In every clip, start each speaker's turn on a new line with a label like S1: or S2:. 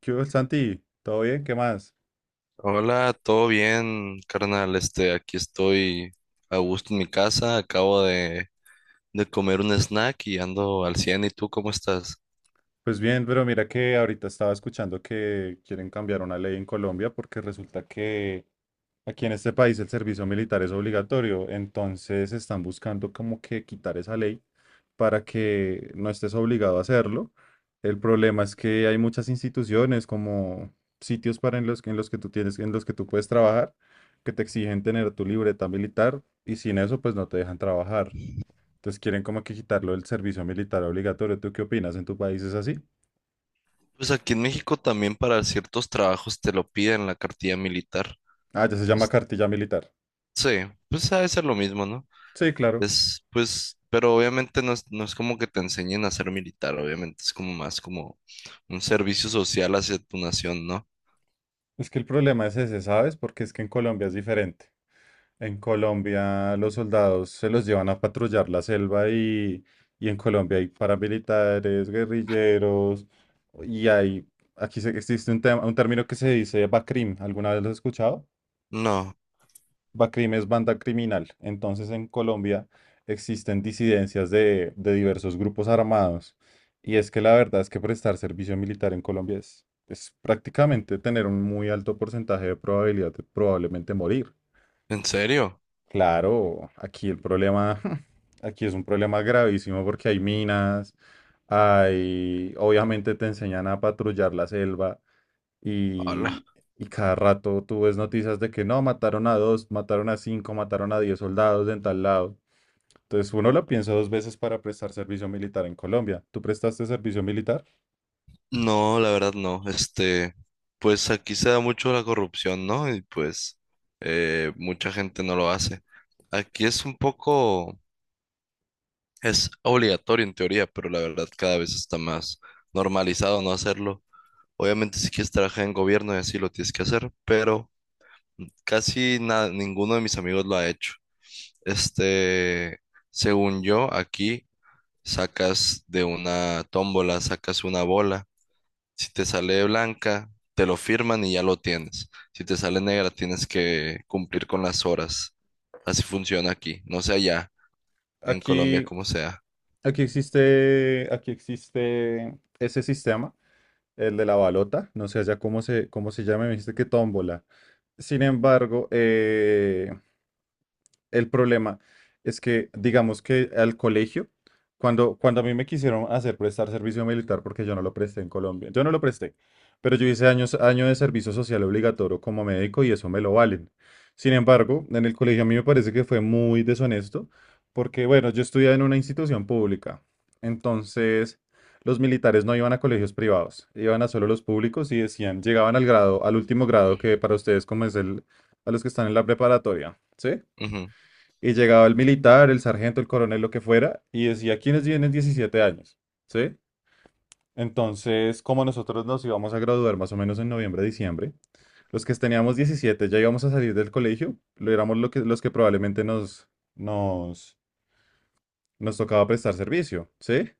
S1: ¿Qué hubo, Santi? ¿Todo bien? ¿Qué más?
S2: Hola, todo bien, carnal. Aquí estoy a gusto en mi casa. Acabo de comer un snack y ando al 100. ¿Y tú cómo estás?
S1: Pues bien, pero mira que ahorita estaba escuchando que quieren cambiar una ley en Colombia porque resulta que aquí en este país el servicio militar es obligatorio, entonces están buscando como que quitar esa ley para que no estés obligado a hacerlo. El problema es que hay muchas instituciones como sitios para en los que tú tienes, en los que tú puedes trabajar, que te exigen tener tu libreta militar y sin eso pues no te dejan trabajar. Entonces quieren como que quitarlo del servicio militar obligatorio. ¿Tú qué opinas? ¿En tu país es así?
S2: Pues aquí en México también para ciertos trabajos te lo piden la cartilla militar.
S1: Ah, ya se llama
S2: Es-
S1: cartilla militar.
S2: Sí, pues ha de ser lo mismo, ¿no?
S1: Sí, claro.
S2: Es, pues, pero obviamente no es como que te enseñen a ser militar, obviamente es como más como un servicio social hacia tu nación, ¿no?
S1: Es que el problema es ese, ¿sabes? Porque es que en Colombia es diferente. En Colombia los soldados se los llevan a patrullar la selva y en Colombia hay paramilitares, guerrilleros y hay... Aquí existe un tema, un término que se dice BACRIM. ¿Alguna vez lo has escuchado?
S2: No,
S1: Bacrim es banda criminal. Entonces en Colombia existen disidencias de diversos grupos armados. Y es que la verdad es que prestar servicio militar en Colombia es prácticamente tener un muy alto porcentaje de probabilidad de probablemente morir.
S2: ¿en serio?
S1: Claro, aquí el problema, aquí es un problema gravísimo porque hay minas, hay, obviamente te enseñan a patrullar la selva.
S2: Hola.
S1: Y, y cada rato tú ves noticias de que no, mataron a dos, mataron a cinco, mataron a diez soldados en tal lado. Entonces uno lo piensa dos veces para prestar servicio militar en Colombia. ¿Tú prestaste servicio militar?
S2: No, la verdad no. Pues aquí se da mucho la corrupción, ¿no? Y pues mucha gente no lo hace. Aquí es obligatorio en teoría, pero la verdad cada vez está más normalizado no hacerlo. Obviamente si quieres trabajar en gobierno y así lo tienes que hacer, pero casi ninguno de mis amigos lo ha hecho. Este, Según yo, aquí sacas de una tómbola, sacas una bola. Si te sale blanca, te lo firman y ya lo tienes. Si te sale negra, tienes que cumplir con las horas. Así funciona aquí. No sé allá, en Colombia,
S1: Aquí,
S2: como sea.
S1: aquí existe ese sistema, el de la balota. No sé allá cómo se llama, me dijiste que tómbola. Sin embargo, el problema es que, digamos que al colegio, cuando a mí me quisieron hacer prestar servicio militar, porque yo no lo presté en Colombia, yo no lo presté, pero yo hice año de servicio social obligatorio como médico y eso me lo valen. Sin embargo, en el colegio a mí me parece que fue muy deshonesto, porque bueno, yo estudiaba en una institución pública, entonces los militares no iban a colegios privados, iban a solo los públicos y decían, llegaban al último grado que para ustedes como es el, a los que están en la preparatoria, ¿sí?
S2: Ujú,
S1: Y llegaba el militar, el sargento, el coronel, lo que fuera, y decía, ¿quiénes tienen 17 años? ¿Sí? Entonces, como nosotros nos íbamos a graduar más o menos en noviembre, diciembre, los que teníamos 17 ya íbamos a salir del colegio, lo éramos lo que, los que probablemente nos, nos tocaba prestar servicio, ¿sí?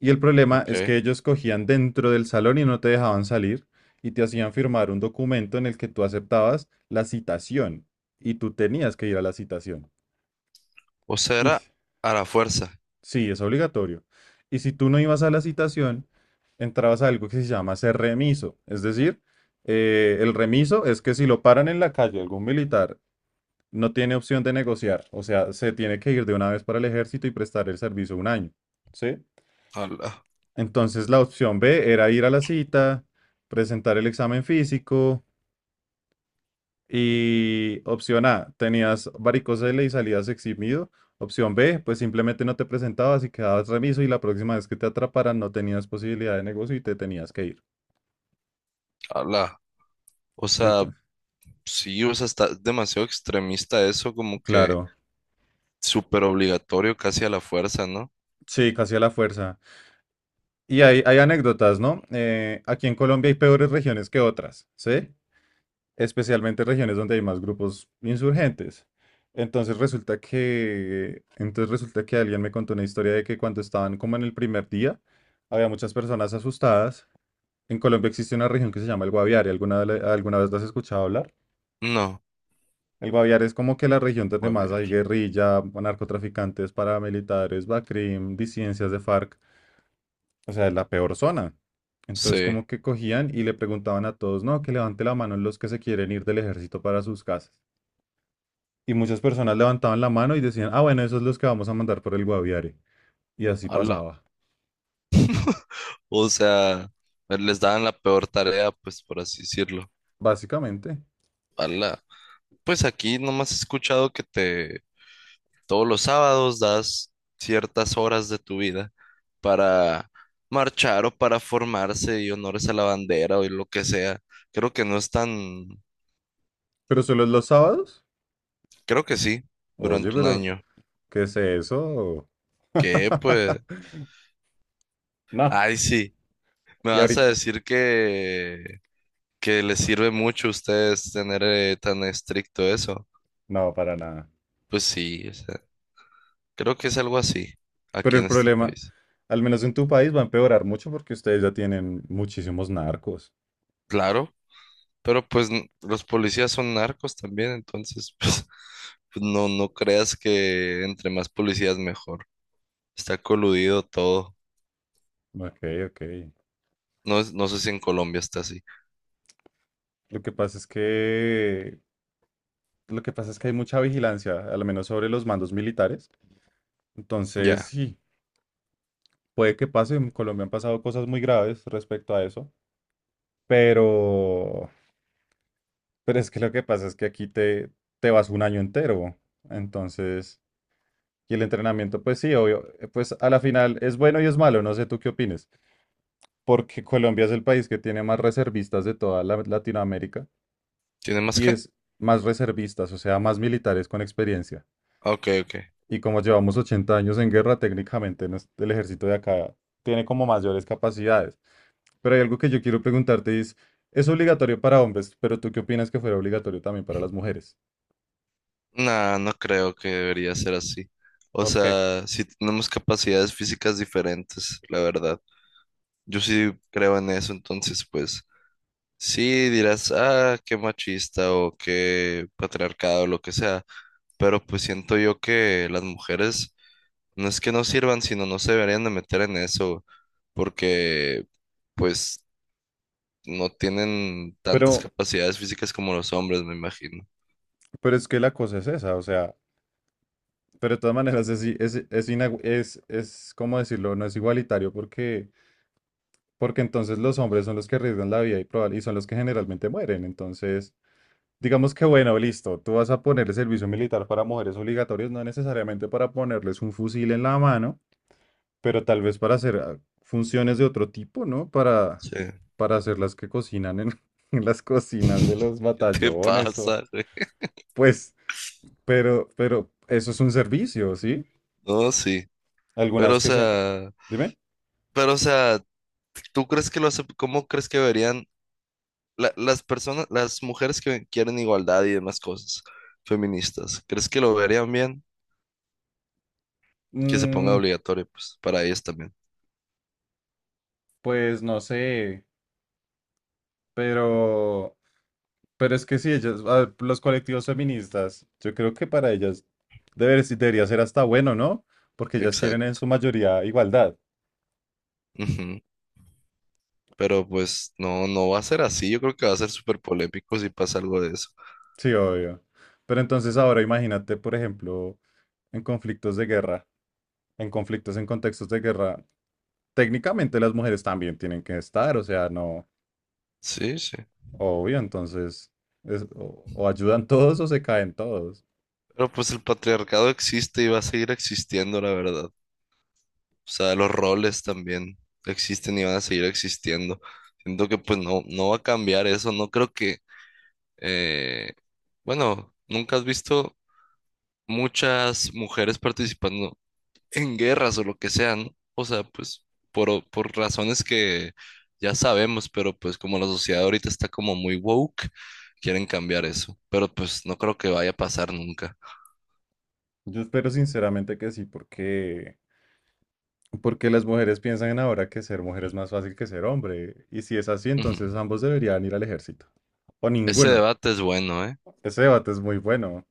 S1: Y el problema es
S2: ok.
S1: que ellos cogían dentro del salón y no te dejaban salir y te hacían firmar un documento en el que tú aceptabas la citación y tú tenías que ir a la citación.
S2: O sea, era
S1: Ish.
S2: a la fuerza.
S1: Sí, es obligatorio. Y si tú no ibas a la citación, entrabas a algo que se llama ser remiso. Es decir, el remiso es que si lo paran en la calle algún militar, no tiene opción de negociar. O sea, se tiene que ir de una vez para el ejército y prestar el servicio un año. ¿Sí?
S2: Ala,
S1: Entonces la opción B era ir a la cita, presentar el examen físico, y opción A, tenías varicocele y salías eximido. Opción B, pues simplemente no te presentabas y quedabas remiso y la próxima vez que te atraparan no tenías posibilidad de negocio y te tenías que ir.
S2: ala. O sea,
S1: Entonces,
S2: sí, o sea, está demasiado extremista eso, como que
S1: claro,
S2: súper obligatorio, casi a la fuerza, ¿no?
S1: sí, casi a la fuerza. Y hay anécdotas, ¿no? Aquí en Colombia hay peores regiones que otras, ¿sí? Especialmente regiones donde hay más grupos insurgentes. Entonces resulta que alguien me contó una historia de que cuando estaban como en el primer día, había muchas personas asustadas. En Colombia existe una región que se llama el Guaviare. ¿Alguna vez la has escuchado hablar?
S2: No,
S1: El Guaviare es como que la región donde
S2: muy
S1: más
S2: bien.
S1: hay guerrilla, narcotraficantes, paramilitares, BACRIM, disidencias de FARC. O sea, es la peor zona. Entonces,
S2: Sí,
S1: como que cogían y le preguntaban a todos, no, que levante la mano los que se quieren ir del ejército para sus casas. Y muchas personas levantaban la mano y decían, ah, bueno, esos los que vamos a mandar por el Guaviare. Y así
S2: ala.
S1: pasaba,
S2: O sea, les daban la peor tarea, pues por así decirlo.
S1: básicamente.
S2: Ala. Pues aquí nomás he escuchado que te todos los sábados das ciertas horas de tu vida para marchar o para formarse y honores a la bandera o y lo que sea. Creo que no es tan,
S1: Pero solo es los sábados.
S2: creo que sí,
S1: Oye,
S2: durante un
S1: pero,
S2: año.
S1: ¿qué es eso?
S2: Que pues,
S1: No,
S2: ay sí, me
S1: y
S2: vas a
S1: ahorita,
S2: decir que les sirve mucho a ustedes tener tan estricto eso.
S1: no, para nada.
S2: Pues sí, o sea, creo que es algo así
S1: Pero
S2: aquí
S1: el
S2: en este
S1: problema,
S2: país.
S1: al menos en tu país, va a empeorar mucho porque ustedes ya tienen muchísimos narcos.
S2: Claro. Pero pues los policías son narcos también, entonces pues, no, no creas que entre más policías mejor. Está coludido todo.
S1: Ok, ok.
S2: No, no sé si en Colombia está así.
S1: Lo que pasa es que, lo que pasa es que hay mucha vigilancia, al menos sobre los mandos militares. Entonces,
S2: Ya.
S1: sí, puede que pase. En Colombia han pasado cosas muy graves respecto a eso. Pero, pero es que lo que pasa es que aquí te vas un año entero. Entonces, y el entrenamiento, pues sí, obvio, pues a la final es bueno y es malo. No sé tú qué opines, porque Colombia es el país que tiene más reservistas de toda Latinoamérica
S2: ¿Tiene más
S1: y
S2: qué?
S1: es más reservistas, o sea, más militares con experiencia.
S2: Ok, ok.
S1: Y como llevamos 80 años en guerra, técnicamente el ejército de acá tiene como mayores capacidades. Pero hay algo que yo quiero preguntarte y es obligatorio para hombres, pero ¿tú qué opinas que fuera obligatorio también para las mujeres?
S2: No, no creo que debería ser así. O
S1: ¿Por qué?
S2: sea, si tenemos capacidades físicas diferentes, la verdad. Yo sí creo en eso, entonces pues sí dirás, ah, qué machista o qué patriarcado, lo que sea. Pero pues siento yo que las mujeres. No es que no sirvan, sino no se deberían de meter en eso, porque pues no tienen
S1: Pero,
S2: tantas capacidades físicas como los hombres, me imagino.
S1: pero es que la cosa es esa, o sea, pero de todas maneras es, ¿cómo decirlo? No es igualitario porque... porque entonces los hombres son los que arriesgan la vida y, probable, y son los que generalmente mueren. Entonces, digamos que bueno, listo, tú vas a poner el servicio militar para mujeres obligatorios, no necesariamente para ponerles un fusil en la mano, pero tal vez para hacer funciones de otro tipo, ¿no?
S2: Sí.
S1: Para hacer las que cocinan en, en las cocinas de los
S2: ¿Qué te
S1: batallones o
S2: pasa, güey?
S1: pues, pero eso es un servicio, ¿sí?
S2: No, sí. Pero, o
S1: Algunas que se...
S2: sea,
S1: Dime.
S2: pero, o sea, ¿tú crees que lo hace, cómo crees que deberían las personas, las mujeres que quieren igualdad y demás cosas feministas, crees que lo verían bien? Que se ponga
S1: Mm,
S2: obligatorio, pues, para ellas también.
S1: pues no sé, pero... Pero es que sí, ellas, a ver, los colectivos feministas, yo creo que para ellas sí debería ser hasta bueno, ¿no? Porque ellas quieren en
S2: Exacto.
S1: su mayoría igualdad.
S2: Ujú. Pero pues no, no va a ser así. Yo creo que va a ser súper polémico si pasa algo de eso.
S1: Sí, obvio. Pero entonces ahora imagínate, por ejemplo, en conflictos de guerra, en conflictos en contextos de guerra, técnicamente las mujeres también tienen que estar, o sea, no,
S2: Sí, sí.
S1: obvio, entonces o ayudan todos o se caen todos.
S2: Pero pues el patriarcado existe y va a seguir existiendo, la verdad. O sea, los roles también existen y van a seguir existiendo. Siento que pues no, no va a cambiar eso. No creo que, eh, bueno, nunca has visto muchas mujeres participando en guerras o lo que sea, ¿no? O sea, pues por razones que ya sabemos, pero pues como la sociedad ahorita está como muy woke, quieren cambiar eso, pero pues no creo que vaya a pasar nunca.
S1: Yo espero sinceramente que sí, porque... Porque las mujeres piensan ahora que ser mujer es más fácil que ser hombre. Y si es así,
S2: Ujú.
S1: entonces ambos deberían ir al ejército. O
S2: Ese
S1: ninguno.
S2: debate es bueno, ¿eh?
S1: Ese debate es muy bueno.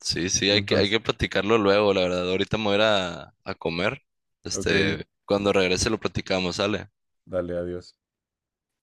S2: Sí, sí, hay que, hay
S1: Entonces,
S2: que platicarlo luego, la verdad. Ahorita me voy a ir a comer.
S1: ok,
S2: Cuando regrese lo platicamos, ¿sale?
S1: dale, adiós.